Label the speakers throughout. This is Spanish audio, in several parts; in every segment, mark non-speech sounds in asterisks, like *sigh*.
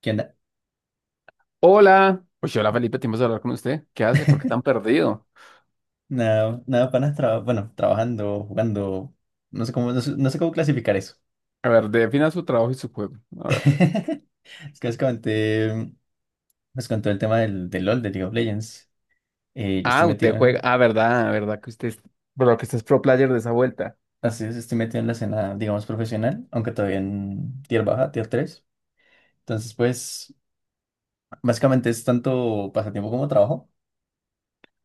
Speaker 1: ¿Qué onda?
Speaker 2: Hola. Hola Felipe, tiempo de hablar con usted. ¿Qué hace? ¿Por qué tan
Speaker 1: *laughs*
Speaker 2: perdido?
Speaker 1: Nada, nada, panas, bueno, trabajando, jugando, no sé cómo, no sé cómo clasificar eso.
Speaker 2: A ver, defina su trabajo y su juego. A ver.
Speaker 1: *laughs* Es que les comenté, les conté el tema del LOL, de League of Legends. Yo estoy
Speaker 2: Ah, usted
Speaker 1: metido
Speaker 2: juega.
Speaker 1: en,
Speaker 2: Ah, verdad, verdad que usted es... Pero que usted es pro player de esa vuelta.
Speaker 1: así es, estoy metido en la escena, digamos, profesional, aunque todavía en tier baja, tier 3. Entonces, pues, básicamente es tanto pasatiempo como trabajo,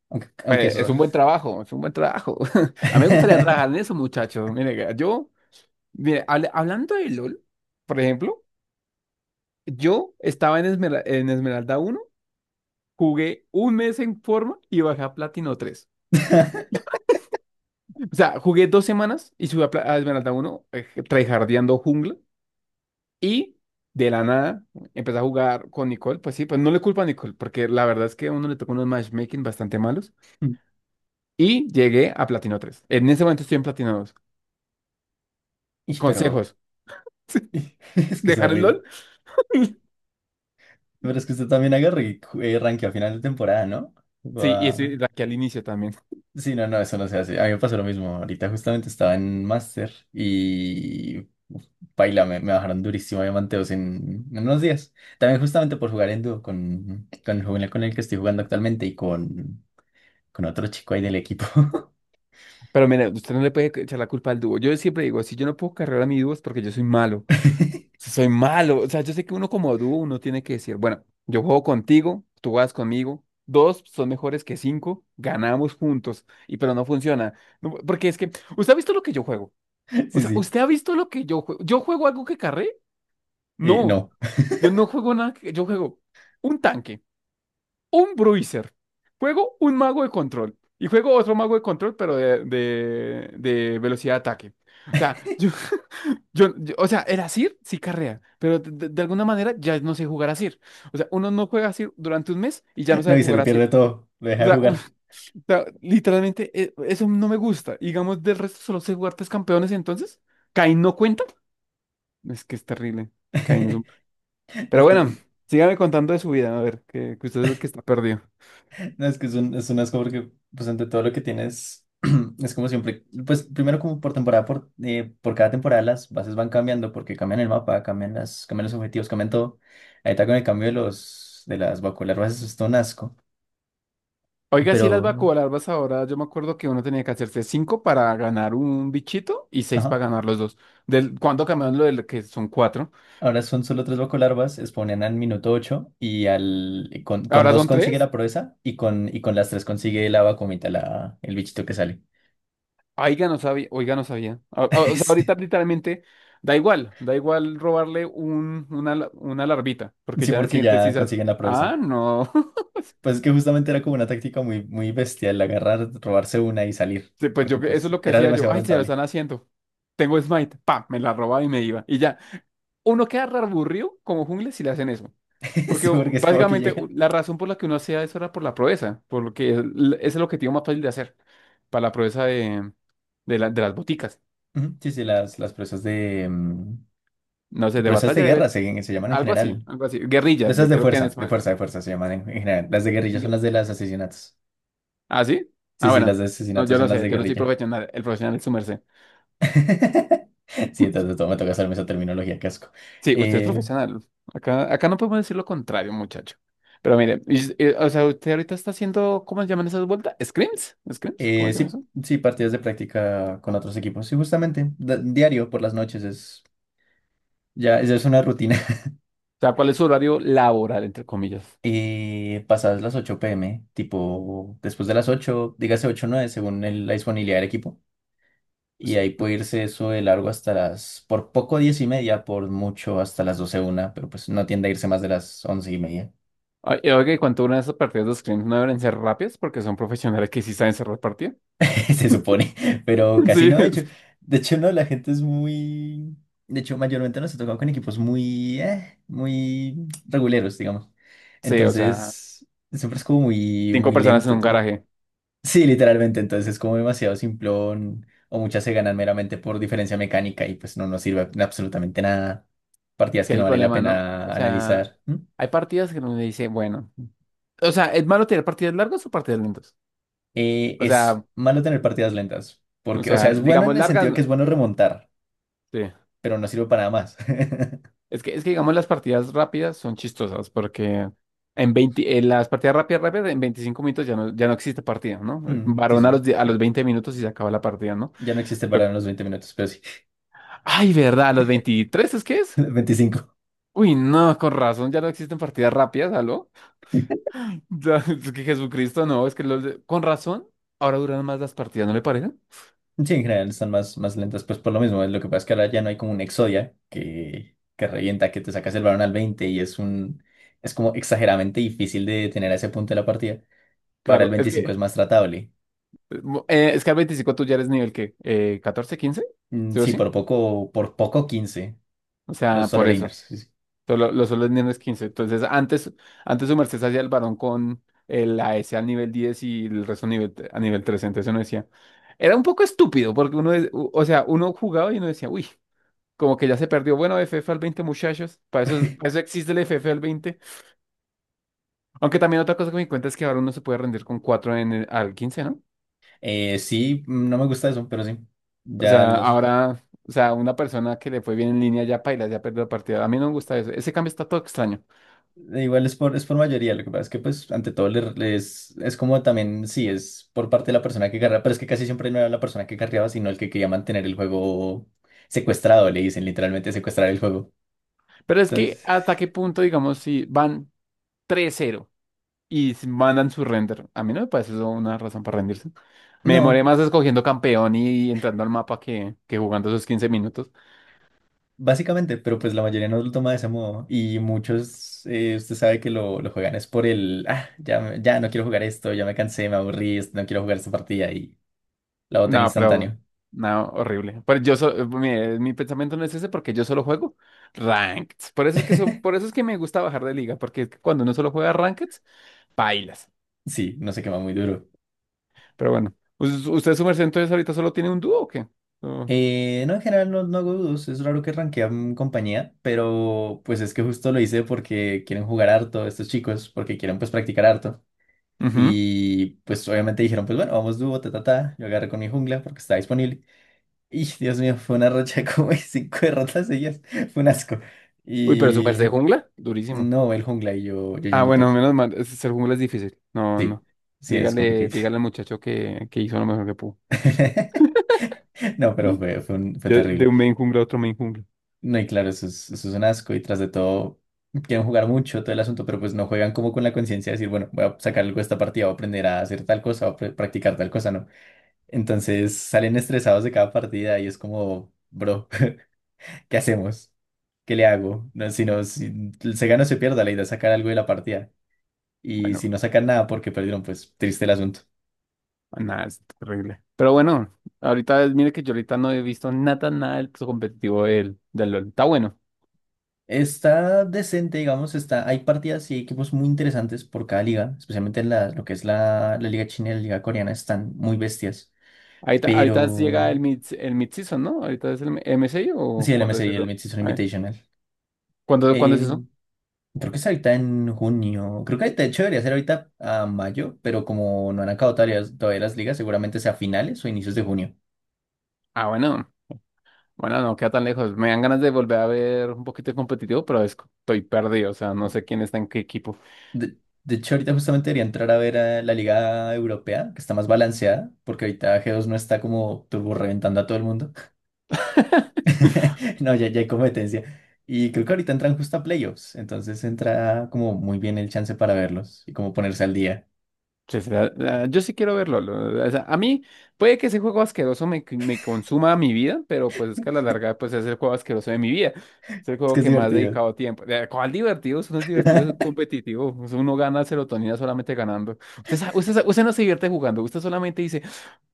Speaker 1: aunque
Speaker 2: Pues,
Speaker 1: es
Speaker 2: es
Speaker 1: raro.
Speaker 2: un buen trabajo, es un buen trabajo. *laughs* A mí me gustaría trabajar en
Speaker 1: *laughs*
Speaker 2: eso, muchachos. Mire, yo, mire, hablando de LOL, por ejemplo, yo estaba en, en Esmeralda uno, jugué un mes en forma y bajé a Platino 3. O sea, jugué dos semanas y subí a, a Esmeralda uno, tryhardeando jungla. Y de la nada empecé a jugar con Nicole. Pues sí, pues no le culpo a Nicole, porque la verdad es que a uno le tocó unos matchmaking bastante malos. Y llegué a Platino tres. En ese momento estoy en Platino dos.
Speaker 1: Ish, pero,
Speaker 2: Consejos:
Speaker 1: *laughs* es
Speaker 2: *laughs*
Speaker 1: que es
Speaker 2: dejar el
Speaker 1: horrible.
Speaker 2: LOL. *laughs*
Speaker 1: Pero es que usted también agarre y rankeó a final de temporada, ¿no?
Speaker 2: Sí, y estoy
Speaker 1: Guau.
Speaker 2: aquí al inicio también.
Speaker 1: Sí, no, no, eso no se hace. A mí me pasó lo mismo. Ahorita justamente estaba en Master y uf, paila, me bajaron durísimo a diamanteos en unos días. También justamente por jugar en dúo con el joven con el que estoy jugando actualmente y con otro chico ahí del equipo.
Speaker 2: Pero mira, usted no le puede echar la culpa al dúo. Yo siempre digo, si yo no puedo cargar a mi dúo es porque yo soy malo.
Speaker 1: *laughs*
Speaker 2: Sea, soy malo. O sea, yo sé que uno como dúo, uno tiene que decir, bueno, yo juego contigo, tú vas conmigo, dos son mejores que cinco, ganamos juntos, y pero no funciona. No, ¿usted ha visto lo que yo juego? O
Speaker 1: Sí,
Speaker 2: sea,
Speaker 1: sí.
Speaker 2: ¿usted ha visto lo que yo juego? ¿Yo juego algo que carré? No,
Speaker 1: No,
Speaker 2: yo no juego nada, yo juego un tanque, un bruiser, juego un mago de control, y juego otro mago de control, pero de velocidad de ataque. O sea, *laughs* yo... o sea, el Asir sí carrea, pero de alguna manera ya no sé jugar Asir. O sea, uno no juega Asir durante un mes y ya no
Speaker 1: no,
Speaker 2: sabe
Speaker 1: y se
Speaker 2: jugar
Speaker 1: le
Speaker 2: Asir.
Speaker 1: pierde todo. Lo
Speaker 2: O
Speaker 1: deja de
Speaker 2: sea, o
Speaker 1: jugar.
Speaker 2: sea, literalmente eso no me gusta. Y digamos, del resto solo sé jugar tres campeones, entonces, ¿Kayn no cuenta? Es que es terrible. Kayn es
Speaker 1: *laughs*
Speaker 2: un...
Speaker 1: No,
Speaker 2: Pero
Speaker 1: es que
Speaker 2: bueno, sígame contando de su vida, a ver, que usted es el que está perdido.
Speaker 1: No, es que es un, asco porque, pues, ante todo lo que tienes, *clears throat* es como siempre, pues, primero como por temporada, por cada temporada las bases van cambiando porque cambian el mapa, cambian los objetivos, cambian todo. Ahí está con el cambio de de las bacolarvas, eso es todo un asco.
Speaker 2: Oiga,
Speaker 1: Pero,
Speaker 2: sí, las vacuolarvas ahora, yo me acuerdo que uno tenía que hacerse cinco para ganar un bichito y seis
Speaker 1: ajá,
Speaker 2: para ganar los dos. Del, ¿cuando cambiaron lo del que son cuatro?
Speaker 1: ahora son solo tres bacolarvas, spawnan al minuto 8 y con
Speaker 2: Ahora
Speaker 1: dos
Speaker 2: son
Speaker 1: consigue
Speaker 2: tres.
Speaker 1: la proeza y con las tres consigue la vacumita, el bichito que sale.
Speaker 2: Oiga, no sabía, oiga, no sabía. O sea, ahorita
Speaker 1: *laughs*
Speaker 2: literalmente da igual robarle un, una, la- una larvita, porque
Speaker 1: Sí,
Speaker 2: ya en el
Speaker 1: porque
Speaker 2: siguiente
Speaker 1: ya
Speaker 2: quizás,
Speaker 1: consiguen la
Speaker 2: ah,
Speaker 1: proeza.
Speaker 2: no. *laughs*
Speaker 1: Pues es que justamente era como una táctica muy, muy bestial, agarrar, robarse una y salir,
Speaker 2: Sí, pues yo,
Speaker 1: porque
Speaker 2: eso es
Speaker 1: pues
Speaker 2: lo que
Speaker 1: era
Speaker 2: hacía yo,
Speaker 1: demasiado
Speaker 2: ay, se lo
Speaker 1: rentable.
Speaker 2: están haciendo. Tengo Smite, pa, me la robaba y me iba. Y ya, uno queda re aburrido como jungla si le hacen eso.
Speaker 1: *laughs* Sí,
Speaker 2: Porque
Speaker 1: porque es como que
Speaker 2: básicamente
Speaker 1: llega.
Speaker 2: la razón por la que uno hacía eso era por la proeza, por lo que es, l- es el objetivo más fácil de hacer, para la proeza de las boticas.
Speaker 1: Ujú, sí, sí, las presas de... mm,
Speaker 2: No sé, de
Speaker 1: presas de
Speaker 2: batalla de...
Speaker 1: guerra
Speaker 2: bet-
Speaker 1: se llaman en
Speaker 2: Algo así,
Speaker 1: general.
Speaker 2: algo así. Guerrilla,
Speaker 1: Presas
Speaker 2: de,
Speaker 1: de
Speaker 2: creo que en,
Speaker 1: fuerza,
Speaker 2: Sma-
Speaker 1: se llaman en general. Las de guerrilla son
Speaker 2: Bien.
Speaker 1: las de los asesinatos.
Speaker 2: ¿Ah, sí?
Speaker 1: Sí,
Speaker 2: Ah,
Speaker 1: sí,
Speaker 2: bueno.
Speaker 1: las de
Speaker 2: No,
Speaker 1: asesinatos
Speaker 2: yo
Speaker 1: son
Speaker 2: no
Speaker 1: las
Speaker 2: sé,
Speaker 1: de
Speaker 2: yo no soy
Speaker 1: guerrilla.
Speaker 2: profesional. El profesional es su merced.
Speaker 1: *laughs* Sí, entonces todo me toca hacerme esa terminología, casco.
Speaker 2: Sí, usted es
Speaker 1: Eh,
Speaker 2: profesional. Acá, acá no podemos decir lo contrario, muchacho. Pero mire, o sea, usted ahorita está haciendo, ¿cómo se llaman esas vueltas? ¿Scrims? ¿Scrims? ¿Cómo se llama eso?
Speaker 1: sí,
Speaker 2: O
Speaker 1: sí, partidas de práctica con otros equipos. Sí, justamente, diario por las noches es. Ya, ya es una rutina.
Speaker 2: sea, ¿cuál es su horario laboral, entre comillas?
Speaker 1: Y pasadas las 8 p.m., tipo después de las 8 dígase 8 o 9 según la disponibilidad del equipo. Y
Speaker 2: Pues,
Speaker 1: ahí puede irse eso de largo hasta las, por poco 10:30, por mucho hasta las 12 una, pero pues no tiende a irse más de las 11:30.
Speaker 2: oye, oiga, ¿y cuánto duran esas partidas de scrims? ¿No deben ser rápidas? Porque son profesionales que sí saben cerrar partidas.
Speaker 1: *laughs* Se supone, pero
Speaker 2: *laughs*
Speaker 1: casi
Speaker 2: Sí.
Speaker 1: no, de hecho. De hecho, no, la gente es muy. De hecho, mayormente nos ha tocado con equipos muy, muy reguleros, digamos.
Speaker 2: Sí, o sea,
Speaker 1: Entonces, siempre es como muy,
Speaker 2: cinco
Speaker 1: muy
Speaker 2: personas en
Speaker 1: lento
Speaker 2: un
Speaker 1: todo.
Speaker 2: garaje.
Speaker 1: Sí, literalmente, entonces es como demasiado simplón o muchas se ganan meramente por diferencia mecánica y pues no nos sirve absolutamente nada.
Speaker 2: Es
Speaker 1: Partidas
Speaker 2: que
Speaker 1: que
Speaker 2: es
Speaker 1: no
Speaker 2: el
Speaker 1: vale la
Speaker 2: problema, ¿no? O
Speaker 1: pena
Speaker 2: sea,
Speaker 1: analizar. ¿Mm?
Speaker 2: hay partidas que uno dice, bueno. O sea, ¿es malo tener partidas largas o partidas lentas? O
Speaker 1: Es
Speaker 2: sea,
Speaker 1: malo tener partidas lentas,
Speaker 2: o
Speaker 1: porque, o sea,
Speaker 2: sea,
Speaker 1: es bueno en
Speaker 2: digamos
Speaker 1: el
Speaker 2: largas,
Speaker 1: sentido
Speaker 2: no-
Speaker 1: que es bueno remontar,
Speaker 2: sí.
Speaker 1: pero no sirve para nada más. *laughs*
Speaker 2: Es que digamos las partidas rápidas son chistosas porque en 20, en las partidas rápidas, en 25 minutos ya no, ya no existe partida, ¿no?
Speaker 1: Mm, sí,
Speaker 2: Varón a
Speaker 1: sí,
Speaker 2: a los 20 minutos y se acaba la partida, ¿no?
Speaker 1: ya no existe el
Speaker 2: Lo-
Speaker 1: balón en los 20 minutos, pero sí.
Speaker 2: Ay, ¿verdad? ¿A los 23 es que
Speaker 1: *laughs*
Speaker 2: es?
Speaker 1: 25.
Speaker 2: Uy, no, con razón, ya no existen partidas rápidas, ¿aló? *laughs* Ya, es que Jesucristo, no, es que con razón, ahora duran más las partidas, ¿no le parece?
Speaker 1: Sí, en general están más, más lentas, pues por lo mismo. Lo que pasa es que ahora ya no hay como un Exodia que revienta, que te sacas el balón al 20 y es como exageradamente difícil de tener a ese punto de la partida. Para el
Speaker 2: Claro, es
Speaker 1: veinticinco
Speaker 2: que
Speaker 1: es más tratable.
Speaker 2: Es que Scar 25, tú ya eres nivel que 14, 15,
Speaker 1: Mm,
Speaker 2: ¿sí o
Speaker 1: sí,
Speaker 2: sí?
Speaker 1: por poco 15
Speaker 2: O
Speaker 1: los
Speaker 2: sea,
Speaker 1: solo
Speaker 2: por eso.
Speaker 1: laners. Sí, sí.
Speaker 2: Solo, los solo niveles 15. Entonces, antes, antes su merced se hacía el varón con el A S al nivel 10 y el resto nivel, a nivel 13. Entonces uno decía, era un poco estúpido porque uno, o sea, uno jugaba y uno decía, uy, como que ya se perdió. Bueno, FF al 20 muchachos. Para eso existe el FF al veinte. Aunque también otra cosa que me di cuenta es que ahora uno se puede rendir con 4 en el, al 15, ¿no?
Speaker 1: Sí, no me gusta eso, pero sí.
Speaker 2: O
Speaker 1: Ya
Speaker 2: sea,
Speaker 1: los,
Speaker 2: ahora, o sea, una persona que le fue bien en línea ya paila, ya perdió la partida. A mí no me gusta eso. Ese cambio está todo extraño.
Speaker 1: Igual es por mayoría, lo que pasa es que pues ante todo les, es como también, sí, es por parte de la persona que carrea, pero es que casi siempre no era la persona que carreaba, sino el que quería mantener el juego secuestrado, le dicen literalmente secuestrar el juego.
Speaker 2: Pero es que
Speaker 1: Entonces,
Speaker 2: hasta qué punto, digamos, si van tres cero y mandan su render, a mí no me parece eso una razón para rendirse. Me demoré
Speaker 1: no,
Speaker 2: más escogiendo campeón y entrando al mapa que jugando esos 15 minutos.
Speaker 1: básicamente, pero pues la mayoría no lo toma de ese modo y muchos, usted sabe que lo juegan es por ah, ya, ya no quiero jugar esto, ya me cansé, me aburrí, no quiero jugar esta partida y la botan
Speaker 2: No, pero,
Speaker 1: instantáneo.
Speaker 2: no, horrible. Pero yo, mi pensamiento no es ese porque yo solo juego ranked. Por eso es que,
Speaker 1: *laughs*
Speaker 2: por eso es que me gusta bajar de liga, porque es que cuando uno solo juega ranked, bailas.
Speaker 1: Sí, no se quema muy duro.
Speaker 2: Pero bueno. Pues, ¿usted, su merced, entonces ahorita solo tiene un dúo o qué? Oh,
Speaker 1: No, en general no, no hago dudos, es raro que rankean compañía, pero pues es que justo lo hice porque quieren jugar harto estos chicos, porque quieren pues practicar harto.
Speaker 2: ujú.
Speaker 1: Y pues obviamente dijeron, pues bueno, vamos dúo, ta, ta, ta. Yo agarré con mi jungla porque estaba disponible. Y *laughs* Dios mío, fue una racha *laughs* como de cinco derrotas seguidas, fue un asco.
Speaker 2: Uy, pero su
Speaker 1: Y
Speaker 2: merced jungla, durísimo.
Speaker 1: no, el jungla y yo,
Speaker 2: Ah,
Speaker 1: yendo top.
Speaker 2: bueno, menos mal. Ser jungla es difícil. No,
Speaker 1: Sí,
Speaker 2: no.
Speaker 1: sí, es
Speaker 2: Dígale,
Speaker 1: complicado.
Speaker 2: dígale al muchacho que hizo lo mejor que pudo.
Speaker 1: *laughs*
Speaker 2: *laughs*
Speaker 1: No, pero fue
Speaker 2: De
Speaker 1: terrible.
Speaker 2: un main jungla a otro main jungla.
Speaker 1: No, y claro, eso es un asco y tras de todo quieren jugar mucho todo el asunto, pero pues no juegan como con la conciencia de decir, bueno, voy a sacar algo de esta partida, voy a aprender a hacer tal cosa, voy a practicar tal cosa, ¿no? Entonces salen estresados de cada partida y es como, bro, *laughs* ¿qué hacemos? ¿Qué le hago? No, si no, si se gana o se pierda, la idea es sacar algo de la partida. Y si
Speaker 2: Bueno,
Speaker 1: no sacan nada porque perdieron, pues triste el asunto.
Speaker 2: nada, es terrible. Pero bueno, ahorita, mire que yo ahorita no he visto nada, nada del competitivo del, del LoL. Está bueno.
Speaker 1: Está decente, digamos, está, hay partidas y equipos muy interesantes por cada liga, especialmente lo que es la liga china y la liga coreana, están muy bestias,
Speaker 2: Ahorita, ahorita llega
Speaker 1: pero
Speaker 2: el mid, el mid-season, ¿no? Ahorita es el MSI o
Speaker 1: sí, el M
Speaker 2: ¿cuándo es
Speaker 1: MSI y el
Speaker 2: eso?
Speaker 1: Mid-Season
Speaker 2: A ver,
Speaker 1: Invitational.
Speaker 2: ¿cuándo, cuándo es eso?
Speaker 1: Eh, Creo que es ahorita en junio, creo que de hecho debería ser ahorita a mayo, pero como no han acabado todavía, las ligas, seguramente sea a finales o inicios de junio.
Speaker 2: Ah, bueno. Bueno, no queda tan lejos. Me dan ganas de volver a ver un poquito de competitivo, pero estoy perdido. O sea, no sé quién está en qué equipo.
Speaker 1: De, de hecho, ahorita justamente debería entrar a ver a la liga europea, que está más balanceada, porque ahorita G2 no está como turbo reventando a todo el mundo. *laughs* No, ya, ya hay competencia. Y creo que ahorita entran justo a playoffs, entonces entra como muy bien el chance para verlos y como ponerse al día.
Speaker 2: Sí, sí, yo sí quiero verlo. O sea, a mí puede que ese juego asqueroso me, me consuma mi vida, pero pues es que a la larga pues es el juego asqueroso de mi vida. Es el
Speaker 1: Es que
Speaker 2: juego
Speaker 1: es
Speaker 2: que más he
Speaker 1: divertido.
Speaker 2: dedicado tiempo. ¿Cuál divertido? Eso no es divertido, eso es competitivo. Eso uno gana serotonina solamente ganando. Usted no se divierte jugando, usted solamente dice...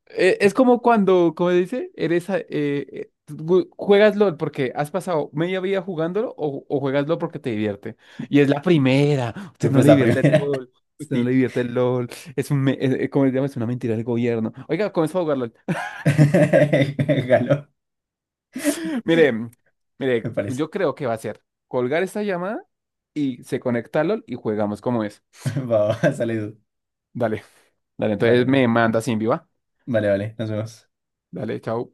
Speaker 2: es como cuando, como dice, eres... juegas LOL porque has pasado media vida jugándolo o juegas LOL porque te divierte. Y es la primera. Usted
Speaker 1: Siempre
Speaker 2: no
Speaker 1: es
Speaker 2: le
Speaker 1: la
Speaker 2: divierte el
Speaker 1: primera. *laughs*
Speaker 2: LOL. Usted no le
Speaker 1: Sí.
Speaker 2: divierte el LOL. Es un, me- es- ¿cómo se llama? Es una mentira del gobierno. Oiga, comenzó a jugarlo. *laughs*
Speaker 1: *laughs* Galo,
Speaker 2: Mire, mire,
Speaker 1: me parece.
Speaker 2: yo creo que va a ser colgar esta llamada y se conecta a LOL y jugamos como es.
Speaker 1: *laughs* Va, va, sale.
Speaker 2: Dale, dale,
Speaker 1: Vale,
Speaker 2: entonces me
Speaker 1: vale.
Speaker 2: manda sin viva.
Speaker 1: Vale, vale. Nos vemos.
Speaker 2: Dale, chao.